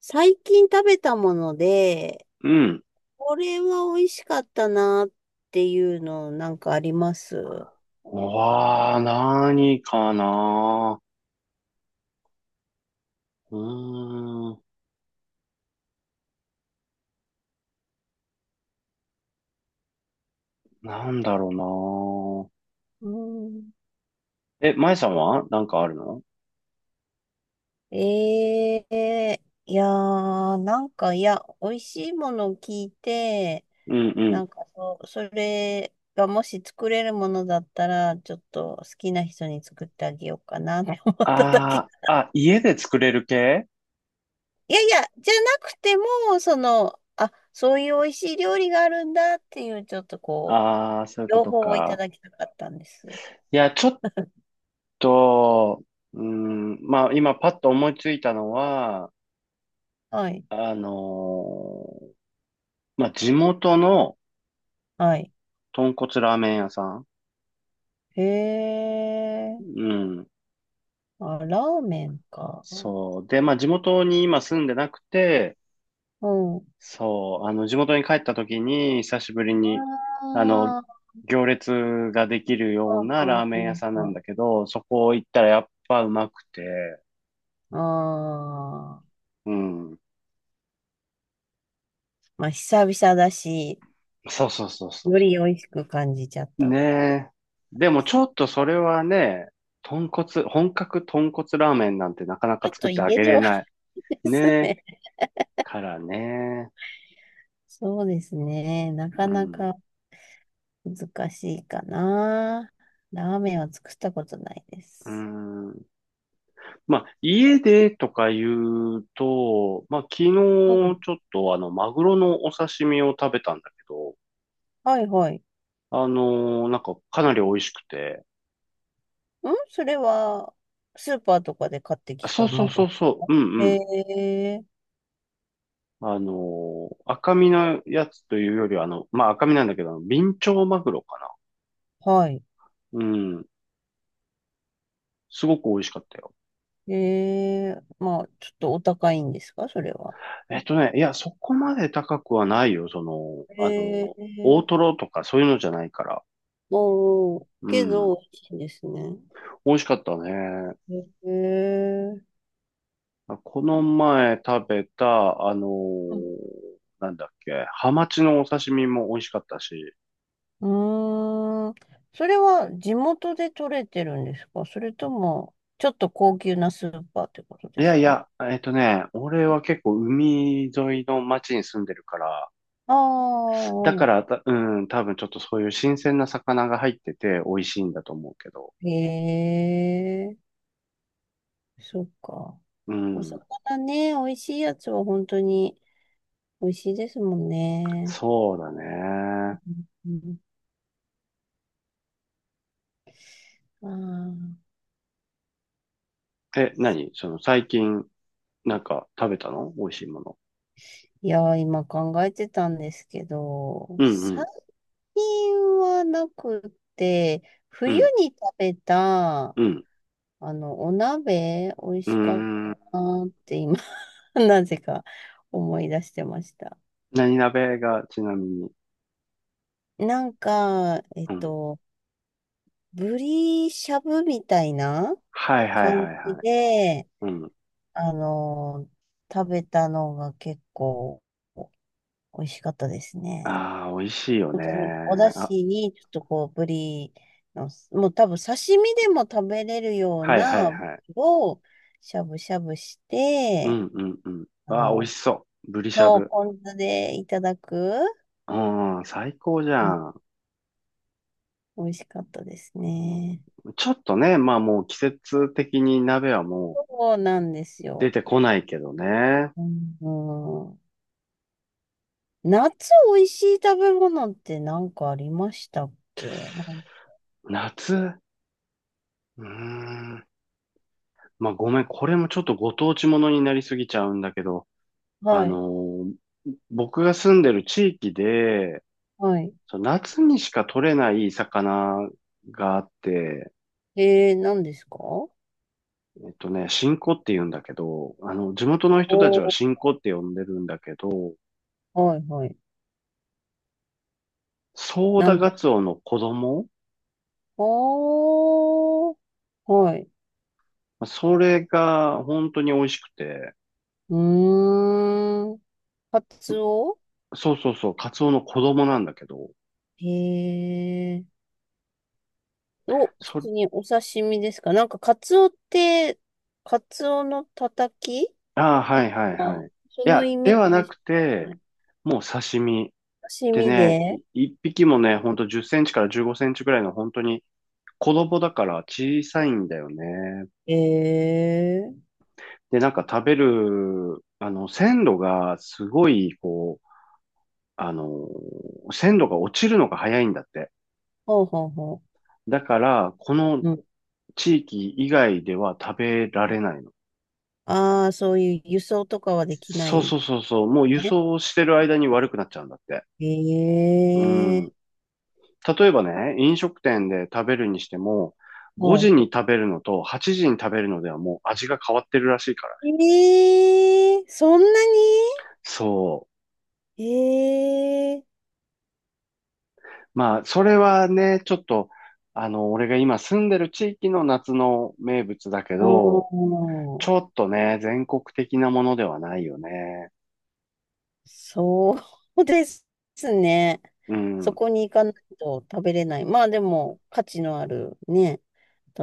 最近食べたもので、うん。これは美味しかったなっていうのなんかあります？わあ、何かな。うーん。なんだろうん、うな。え、舞さんはなんかあるの？ええ、いやー、なんか、いや、美味しいものを聞いて、うんうなん。んか、そう、それがもし作れるものだったら、ちょっと好きな人に作ってあげようかなって思っただけあなあ、あ、ん家で。で作れる系？いやいや、じゃなくても、その、あ、そういう美味しい料理があるんだっていう、ちょっとこう、ああー、そういうこ両と方をいたか。だきたかったんです。いや、ちょっと、うーん、まあ今パッと思いついたのは、はい。あのーまあ地元のはい。豚骨ラーメン屋さん。へうえ。ん。あ、ラーメンか。そう。で、まあ地元に今住んでなくて、うん。そう、あの、地元に帰った時に、久しぶりに、あの、あ行列ができるあ、よはうんなはラんーメンは屋んさんなはんん。だけど、そこ行ったらやっぱうまくて、ああ。うん。まあ、久々だし、そうそうそうそうよそり美味しく感じちゃっう。たんでねえ。でもすちょか。っとそれはね、豚骨、本格豚骨ラーメンなんてなかなちかょっ作とってあ家げでれは ない。でねすえ。ね。からね。そうですね。なかうなん。か難しいかな。ラーメンは作ったことないでうす。ん。まあ、家でとか言うと、まあ、昨日ちうょん。っとあの、マグロのお刺身を食べたんだけど、はいはい。なんかかなり美味しくて、それは、スーパーとかで買ってあ、きそうたそう孫。そうそう、うんうえん。え、赤身のやつというよりは、あの、まあ、赤身なんだけど、あのビンチョウマグロかはい。な。うん。すごく美味しかったよ。ええ、まあ、ちょっとお高いんですか、それは。えっとね、いや、そこまで高くはないよ、その、ー大ええ、トロとかそういうのじゃないから。おー、うけん。ど、美味しいんですね。美味しかったね。ええ、まあこの前食べた、うん、なんだっけ、ハマチのお刺身も美味しかったし、うーん。それは地元で取れてるんですか？それとも、ちょっと高級なスーパーってこといでやすいか？や、えっとね、俺は結構海沿いの町に住んでるから、ああだかー、らた、うん、多分ちょっとそういう新鮮な魚が入ってて美味しいんだと思うけど、ええ、そっか。うおん、魚ね、美味しいやつは本当に美味しいですもんね。そうだね。うん、あー、え、何その最近、なんか食べたの美味しいもの。いやー、今考えてたんですけど、うんう最ん、近はなくて、う冬ん、に食べた、うん、あの、お鍋、美味うしかっーん。たなーって今、なぜか思い出してました。何鍋がちなみに？なんか、うん。ブリしゃぶみたいなはいはい感はいじはい。で、うん。あの、食べたのが結構美味しかったですね。ああ、美味しいよ本ね。当にお出あ、汁にちょっとこうブリの、もう多分刺身でも食べれるようはいはいなブリはい。をしゃぶしゃぶしうて、んうんうん。あああ、美味の、しそう。ブリしゃそう、ぶ。ポン酢でいただく、うん、最高じゃね、ん。美味しかったですうね。ん、ちょっとね、まあもう季節的に鍋はもそうなんでうす出よ。てこないけどね。うん、うん、夏美味しい食べ物って何かありましたっけ？夏、うーん。まあごめん、これもちょっとご当地ものになりすぎちゃうんだけど、はあい。のー僕が住んでる地域で、はい。その夏にしか取れない魚があって、何ですか？えっとね、新子って言うんだけど、あの、地元の人たちおはー、新子って呼んでるんだけど、はいはい。ソーダ何でガすツか？オの子供。おー、はい。それが本当に美味しくて、うーん。カツオ？そうそうそう、カツオの子供なんだけど、へえ。お、普そ、通にお刺身ですか？なんかカツオって、カツオのたたき、ああ、はいはいはあ、い。いそのや、イメではーなジしくかて、ない。もう刺身。刺で身ね、で？一匹もね、ほんと10センチから15センチぐらいの本当に子供だから小さいんだよね。へえー。で、なんか食べる、あの、鮮度がすごい、こう、あの、鮮度が落ちるのが早いんだって。ほうほうほだから、このう。うん。地域以外では食べられないの。ああ、そういう輸送とかはできなそいうんそでうすそうそう。もう輸ね。送してる間に悪くなっちゃうんだって。えうん。え。例えばね、飲食店で食べるにしても、は5時い、に食べるのと8時に食べるのではもう味が変わってるらしいからね。ええ、そんなに？そええ、う。まあ、それはね、ちょっと、あの、俺が今住んでる地域の夏の名物だけおど、ー、ちょっとね、全国的なものではないよね。そうですね。うそん。こに行かないと食べれない。まあでも、価値のあるね、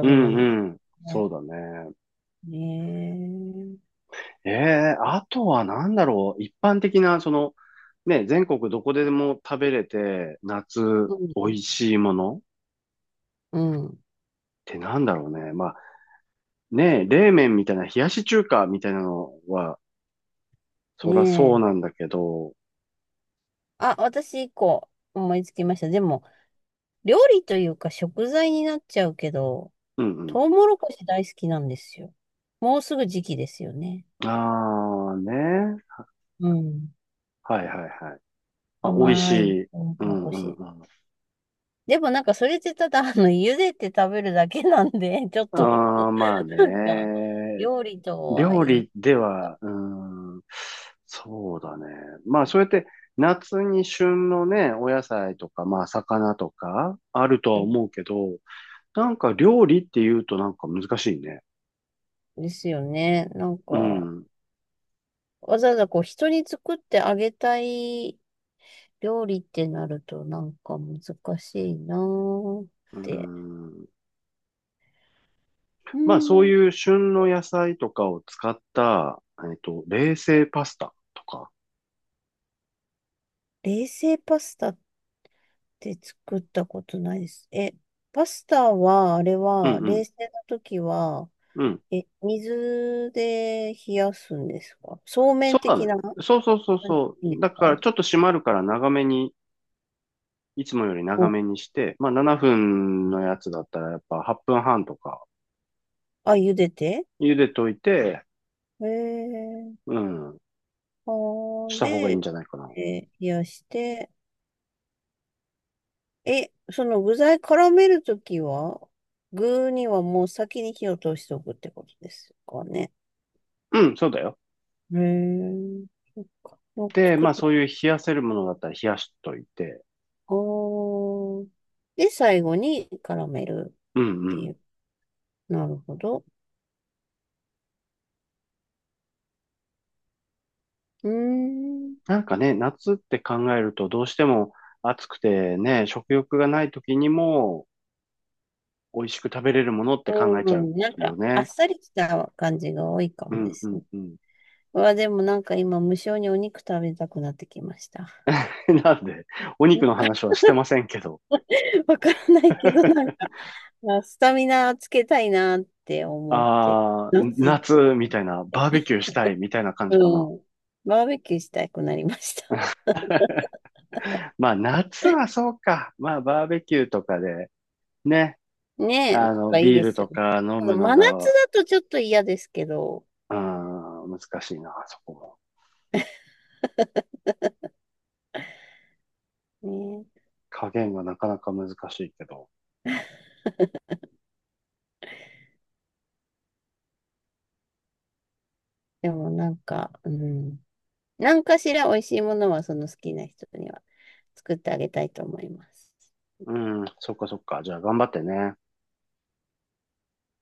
うべん物ですうん。そね。うだね。ねえ。ええ、あとは何だろう。一般的な、その、ね、全国どこでも食べれて、夏、うん。美味しいものっうん、てなんだろうね。まあ、ね、冷麺みたいな、冷やし中華みたいなのは、ねそらそうえ。なんだけど、あ、私一個思いつきました。でも、料理というか食材になっちゃうけど、うんうトウモロコシ大好きなんですよ。もうすぐ時期ですよね。ん。ああ、ね。うん。はいはいはい。まあ、美味し甘いい。トウモうロんコうんシ。うん。でもなんかそれってただ、あの、茹でて食べるだけなんで、ちょっと、ああ、まあなんか、ね。料理とは料いえ、理では、うーん、そうだね。まあ、そうやって夏に旬のね、お野菜とか、まあ、魚とか、あるとはうん、思うけど、なんか料理って言うとなんか難しいね。ですよね。なんうか、ん。わざわざこう、人に作ってあげたい料理ってなると、なんか難しいなーっうて。ん。うまあ、そうん。いう旬の野菜とかを使った、えっと、冷製パスタとか。冷製パスタって作ったことないです。え、パスタは、あれうは、冷ん製の時は、うん。うん。え、水で冷やすんですか？そうめそんうだね。的な感そうそうそうそじでう。すだかか？ら、ちょっと締まるから長めに、いつもより長お、めにして、まあ7分のやつだったらやっぱ8分半とかあ、茹でて茹でといて、えー、うん、あしー、た方がいいんで、じゃないかな。え、冷やして、え、その具材絡めるときは、具にはもう先に火を通しておくってことですかね。うん、そうだよ。えー、そっか。もうで、作っまあそた。ういう冷やせるものだったら冷やしといて、あー。で、最後に絡めるっうんうてん。いう。なるほど。うーん。なんかね、夏って考えるとどうしても暑くてね、食欲がない時にも美味しく食べれるものって考えうちゃうん、なんよか、あっね。さりした感じが多いかうもでんうすんね。うん。うわ、でもなんか今、無性にお肉食べたくなってきました。なんで、お肉の 話はしてませんけど。わからないけど、なん か、まあスタミナつけたいなって思って、ああ、夏夏みったいな、て、バーベキューしたいみたいな感じかうな。ん。バーベキューしたくなりました。まあ夏はそうか。まあバーベキューとかでね、ねえ、なんあのかいいビーでルすよとね。か飲あのむの真夏が、だとちょっと嫌ですけど、うん、難しいな、そこも。ね加減がなかなか難しいけど。え、でもなんか、うん。何かしら美味しいものはその好きな人には作ってあげたいと思います。うん、そっかそっか。じゃあ頑張ってね。